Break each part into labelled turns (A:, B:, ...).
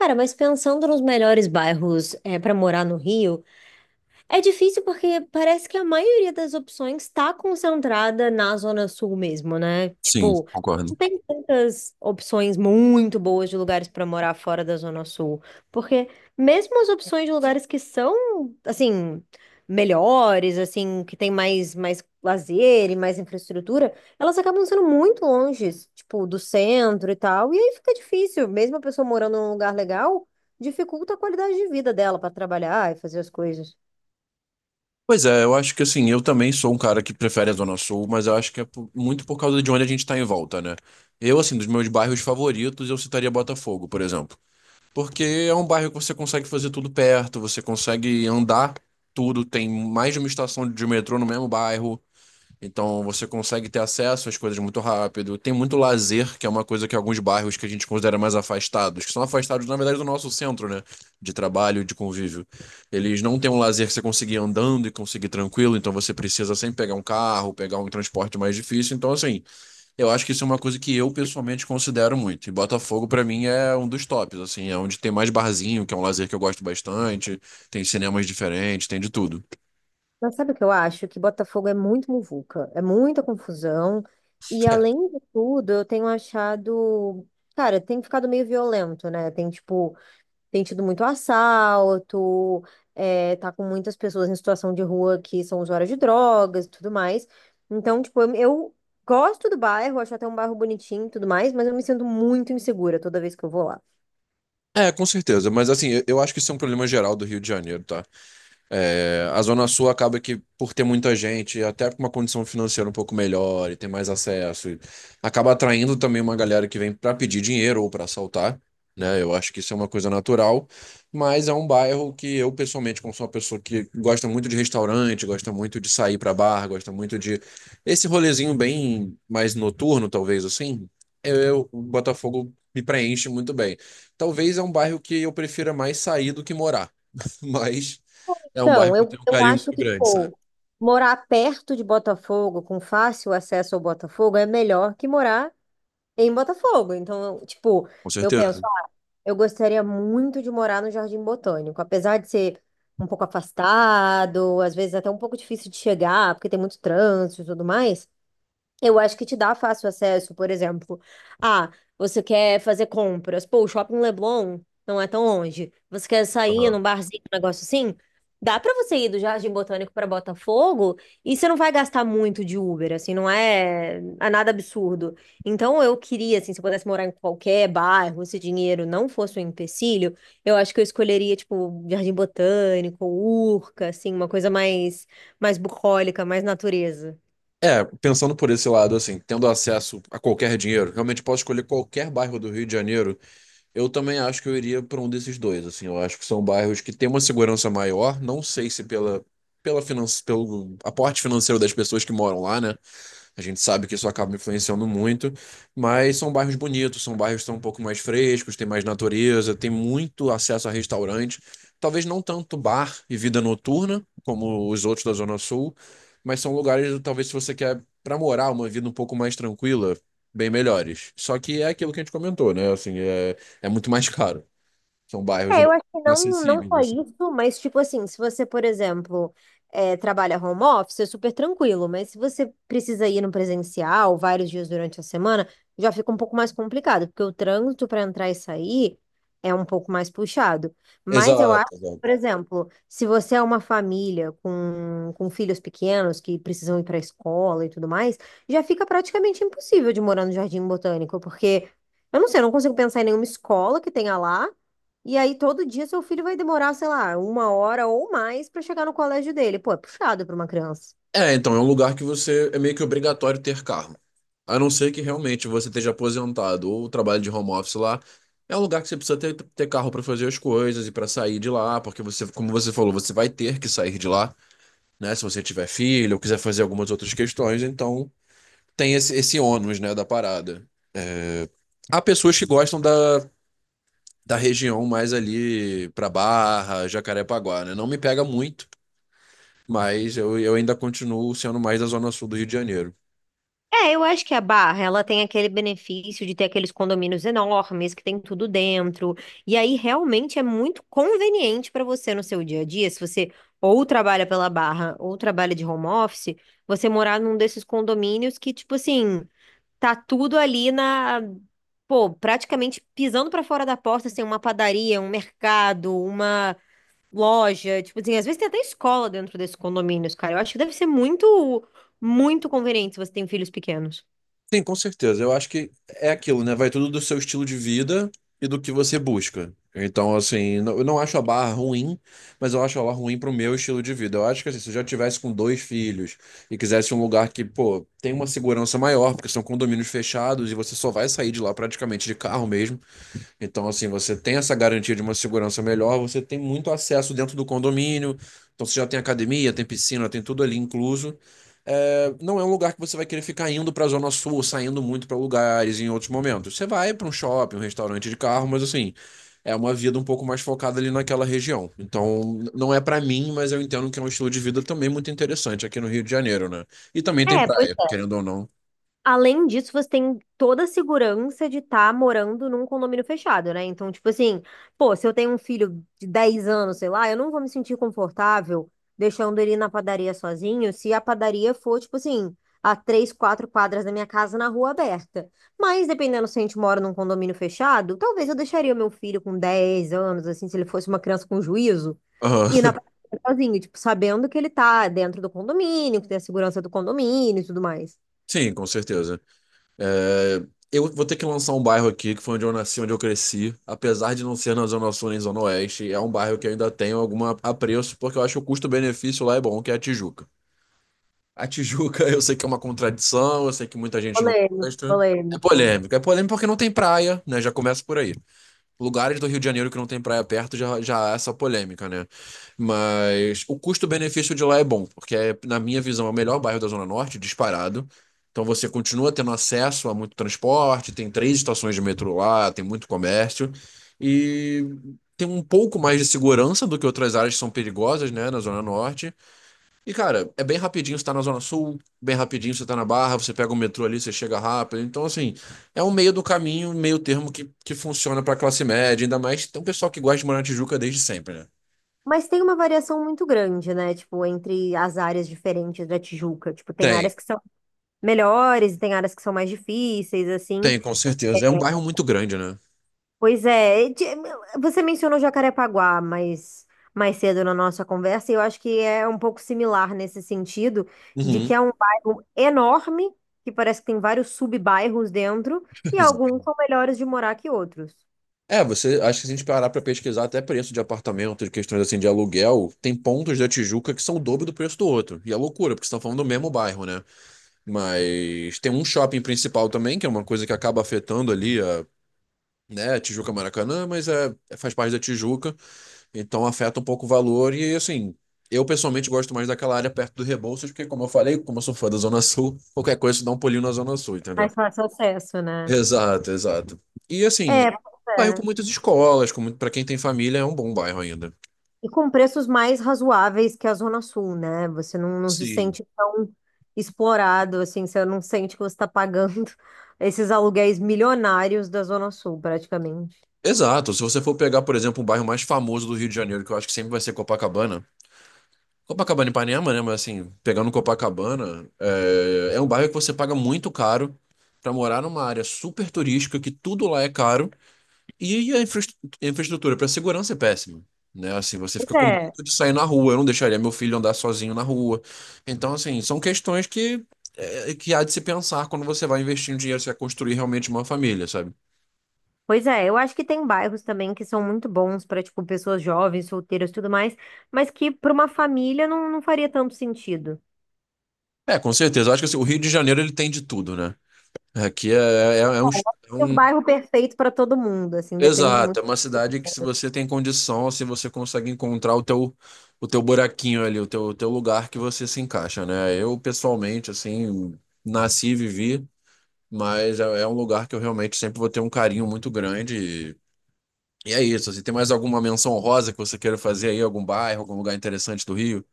A: Cara, mas pensando nos melhores bairros para morar no Rio, é difícil porque parece que a maioria das opções está concentrada na Zona Sul mesmo, né?
B: Sim,
A: Tipo,
B: concordo.
A: não tem tantas opções muito boas de lugares para morar fora da Zona Sul. Porque mesmo as opções de lugares que são, assim, melhores, assim, que tem mais lazer e mais infraestrutura, elas acabam sendo muito longe, tipo, do centro e tal. E aí fica difícil, mesmo a pessoa morando num lugar legal, dificulta a qualidade de vida dela para trabalhar e fazer as coisas.
B: Pois é, eu acho que assim, eu também sou um cara que prefere a Zona Sul, mas eu acho que muito por causa de onde a gente tá em volta, né? Eu, assim, dos meus bairros favoritos, eu citaria Botafogo, por exemplo. Porque é um bairro que você consegue fazer tudo perto, você consegue andar tudo, tem mais de uma estação de metrô no mesmo bairro. Então você consegue ter acesso às coisas muito rápido. Tem muito lazer, que é uma coisa que alguns bairros que a gente considera mais afastados, que são afastados, na verdade, do nosso centro, né? De trabalho, de convívio. Eles não têm um lazer que você conseguir andando e conseguir tranquilo, então você precisa sempre pegar um carro, pegar um transporte mais difícil. Então, assim, eu acho que isso é uma coisa que eu pessoalmente considero muito. E Botafogo, pra mim, é um dos tops, assim, é onde tem mais barzinho, que é um lazer que eu gosto bastante, tem cinemas diferentes, tem de tudo.
A: Mas sabe o que eu acho? Que Botafogo é muito muvuca, é muita confusão. E além de tudo, eu tenho achado. Cara, tem ficado meio violento, né? Tem, tipo, tem tido muito assalto, tá com muitas pessoas em situação de rua que são usuárias de drogas e tudo mais. Então, tipo, eu gosto do bairro, acho até um bairro bonitinho e tudo mais, mas eu me sinto muito insegura toda vez que eu vou lá.
B: É, com certeza, mas assim, eu acho que isso é um problema geral do Rio de Janeiro, tá? É, a Zona Sul acaba que, por ter muita gente, até com uma condição financeira um pouco melhor e ter mais acesso, e acaba atraindo também uma galera que vem para pedir dinheiro ou para assaltar, né? Eu acho que isso é uma coisa natural, mas é um bairro que eu, pessoalmente, como sou uma pessoa que gosta muito de restaurante, gosta muito de sair para bar, gosta muito de esse rolezinho bem mais noturno, talvez assim, o Botafogo me preenche muito bem. Talvez é um bairro que eu prefira mais sair do que morar, mas. É um
A: Então,
B: bairro que eu
A: eu,
B: tenho um
A: eu
B: carinho
A: acho
B: muito
A: que,
B: grande, sabe?
A: pô, morar perto de Botafogo, com fácil acesso ao Botafogo, é melhor que morar em Botafogo. Então, eu, tipo,
B: Com
A: eu penso,
B: certeza.
A: ah, eu gostaria muito de morar no Jardim Botânico, apesar de ser um pouco afastado, às vezes até um pouco difícil de chegar, porque tem muito trânsito e tudo mais. Eu acho que te dá fácil acesso, por exemplo. Ah, você quer fazer compras. Pô, o Shopping Leblon não é tão longe. Você quer sair
B: Aham.
A: num barzinho, um negócio assim? Dá pra você ir do Jardim Botânico pra Botafogo e você não vai gastar muito de Uber, assim, não é, é nada absurdo. Então eu queria, assim, se eu pudesse morar em qualquer bairro, se dinheiro não fosse um empecilho, eu acho que eu escolheria, tipo, Jardim Botânico, Urca, assim, uma coisa mais, mais bucólica, mais natureza.
B: É, pensando por esse lado, assim, tendo acesso a qualquer dinheiro, realmente posso escolher qualquer bairro do Rio de Janeiro, eu também acho que eu iria para um desses dois, assim, eu acho que são bairros que têm uma segurança maior, não sei se pela, pela finan pelo aporte financeiro das pessoas que moram lá, né? A gente sabe que isso acaba influenciando muito, mas são bairros bonitos, são bairros que estão um pouco mais frescos, tem mais natureza, tem muito acesso a restaurante. Talvez não tanto bar e vida noturna, como os outros da Zona Sul, mas são lugares, talvez, se você quer para morar uma vida um pouco mais tranquila, bem melhores. Só que é aquilo que a gente comentou, né? Assim, é, é muito mais caro. São bairros
A: É,
B: um
A: eu
B: pouco
A: acho que não, não
B: inacessíveis,
A: só
B: assim.
A: isso, mas tipo assim, se você, por exemplo, trabalha home office, é super tranquilo, mas se você precisa ir no presencial vários dias durante a semana, já fica um pouco mais complicado, porque o trânsito para entrar e sair é um pouco mais puxado. Mas eu acho,
B: Exato,
A: por
B: exato.
A: exemplo, se você é uma família com filhos pequenos que precisam ir para a escola e tudo mais, já fica praticamente impossível de morar no Jardim Botânico, porque eu não sei, eu não consigo pensar em nenhuma escola que tenha lá. E aí, todo dia, seu filho vai demorar, sei lá, uma hora ou mais pra chegar no colégio dele. Pô, é puxado pra uma criança.
B: É, então, é um lugar que você é meio que obrigatório ter carro. A não ser que realmente você esteja aposentado ou trabalhe de home office lá. É um lugar que você precisa ter, ter carro para fazer as coisas e para sair de lá, porque você, como você falou, você vai ter que sair de lá, né? Se você tiver filho ou quiser fazer algumas outras questões, então tem esse, esse ônus, né, da parada. Há pessoas que gostam da, da região mais ali para Barra, Jacarepaguá, né? Não me pega muito, mas eu ainda continuo sendo mais da Zona Sul do Rio de Janeiro.
A: É, eu acho que a Barra, ela tem aquele benefício de ter aqueles condomínios enormes que tem tudo dentro. E aí realmente é muito conveniente para você no seu dia a dia, se você ou trabalha pela Barra ou trabalha de home office, você morar num desses condomínios que tipo assim, tá tudo ali na, pô, praticamente pisando para fora da porta, assim, uma padaria, um mercado, uma loja, tipo assim, às vezes tem até escola dentro desses condomínios, cara. Eu acho que deve ser muito, muito conveniente se você tem filhos pequenos.
B: Sim, com certeza. Eu acho que é aquilo, né? Vai tudo do seu estilo de vida e do que você busca. Então, assim, eu não acho a Barra ruim, mas eu acho ela ruim pro meu estilo de vida. Eu acho que assim, se eu já tivesse com dois filhos e quisesse um lugar que, pô, tem uma segurança maior, porque são condomínios fechados e você só vai sair de lá praticamente de carro mesmo. Então, assim, você tem essa garantia de uma segurança melhor, você tem muito acesso dentro do condomínio, então você já tem academia, tem piscina, tem tudo ali incluso. É, não é um lugar que você vai querer ficar indo para a Zona Sul, saindo muito para lugares em outros momentos. Você vai para um shopping, um restaurante de carro, mas assim, é uma vida um pouco mais focada ali naquela região. Então, não é para mim, mas eu entendo que é um estilo de vida também muito interessante aqui no Rio de Janeiro, né? E também tem
A: É, pois
B: praia, querendo ou não.
A: além disso, você tem toda a segurança de estar morando num condomínio fechado, né? Então, tipo assim, pô, se eu tenho um filho de 10 anos, sei lá, eu não vou me sentir confortável deixando ele na padaria sozinho se a padaria for, tipo assim, a 3, 4 quadras da minha casa na rua aberta. Mas, dependendo se a gente mora num condomínio fechado, talvez eu deixaria o meu filho com 10 anos, assim, se ele fosse uma criança com juízo,
B: Aham.
A: ir na padaria sozinho, tipo, sabendo que ele tá dentro do condomínio, que tem a segurança do condomínio e tudo mais.
B: Sim, com certeza. É, eu vou ter que lançar um bairro aqui, que foi onde eu nasci, onde eu cresci. Apesar de não ser na Zona Sul nem Zona Oeste, é um bairro que eu ainda tenho algum apreço, porque eu acho que o custo-benefício lá é bom, que é a Tijuca. A Tijuca, eu sei que é uma contradição, eu sei que muita gente não
A: Polêmico,
B: gosta. É
A: polêmico.
B: polêmico. É polêmico porque não tem praia, né? Já começa por aí. Lugares do Rio de Janeiro que não tem praia perto já, já há essa polêmica, né? Mas o custo-benefício de lá é bom, porque, é, na minha visão, é o melhor bairro da Zona Norte, disparado. Então você continua tendo acesso a muito transporte, tem três estações de metrô lá, tem muito comércio. E tem um pouco mais de segurança do que outras áreas que são perigosas, né, na Zona Norte. E, cara, é bem rapidinho, você tá na Zona Sul, bem rapidinho, você tá na Barra, você pega o metrô ali, você chega rápido. Então, assim, é um meio do caminho, um meio termo que funciona pra classe média, ainda mais tem um pessoal que gosta de morar na Tijuca desde sempre, né?
A: Mas tem uma variação muito grande, né? Tipo, entre as áreas diferentes da Tijuca. Tipo, tem
B: Tem,
A: áreas que são melhores e tem áreas que são mais difíceis, assim.
B: tem, com certeza. É um bairro muito grande, né?
A: Pois é, você mencionou Jacarepaguá mais cedo na nossa conversa, e eu acho que é um pouco similar nesse sentido, de
B: Uhum,
A: que é um bairro enorme, que parece que tem vários sub-bairros dentro, e
B: exato.
A: alguns são melhores de morar que outros.
B: É, você, acho que se a gente parar pra pesquisar até preço de apartamento, de questões assim de aluguel, tem pontos da Tijuca que são o dobro do preço do outro. E é loucura, porque estão falando do mesmo bairro, né? Mas tem um shopping principal também, que é uma coisa que acaba afetando ali a né? Tijuca é Maracanã, mas é, é, faz parte da Tijuca, então afeta um pouco o valor. E assim, eu pessoalmente gosto mais daquela área perto do Rebouças, porque, como eu falei, como eu sou fã da Zona Sul, qualquer coisa você dá um pulinho na Zona Sul,
A: Mais
B: entendeu?
A: fácil acesso, né?
B: Exato, exato. E assim,
A: É, pois
B: bairro com
A: é.
B: muitas escolas, com muito, para quem tem família, é um bom bairro ainda.
A: E com preços mais razoáveis que a Zona Sul, né? Você não se
B: Sim.
A: sente tão explorado, assim, você não sente que você está pagando esses aluguéis milionários da Zona Sul, praticamente.
B: Exato. Se você for pegar, por exemplo, um bairro mais famoso do Rio de Janeiro, que eu acho que sempre vai ser Copacabana, Copacabana e Ipanema, né? Mas assim, pegando Copacabana, é, é um bairro que você paga muito caro pra morar numa área super turística, que tudo lá é caro, e a infraestrutura para segurança é péssima. Né? Assim, você
A: Pois
B: fica com
A: é,
B: medo de sair na rua, eu não deixaria meu filho andar sozinho na rua. Então, assim, são questões que, é, que há de se pensar quando você vai investir um dinheiro, você vai construir realmente uma família, sabe?
A: pois é, eu acho que tem bairros também que são muito bons para, tipo, pessoas jovens, solteiras e tudo mais, mas que para uma família não faria tanto sentido.
B: É, com certeza. Eu acho que assim, o Rio de Janeiro ele tem de tudo, né? Aqui é, é, é
A: É um
B: um
A: bairro perfeito para todo mundo, assim, depende
B: Exato,
A: muito.
B: é uma cidade que se você tem condição, assim, você consegue encontrar o teu buraquinho ali, o teu lugar que você se encaixa, né? Eu, pessoalmente, assim, nasci e vivi, mas é, é um lugar que eu realmente sempre vou ter um carinho muito grande. E é isso, assim, tem mais alguma menção honrosa que você queira fazer aí, algum bairro, algum lugar interessante do Rio?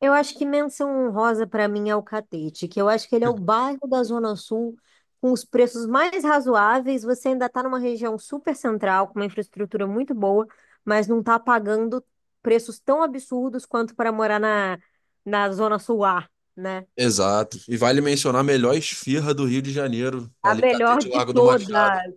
A: Eu acho que menção honrosa para mim é o Catete, que eu acho que ele é o bairro da Zona Sul com os preços mais razoáveis. Você ainda está numa região super central, com uma infraestrutura muito boa, mas não está pagando preços tão absurdos quanto para morar na, na Zona Sul A, né?
B: Exato. E vale mencionar a melhor esfirra do Rio de Janeiro,
A: A
B: ali,
A: melhor
B: Catete
A: de
B: Largo do Machado.
A: todas.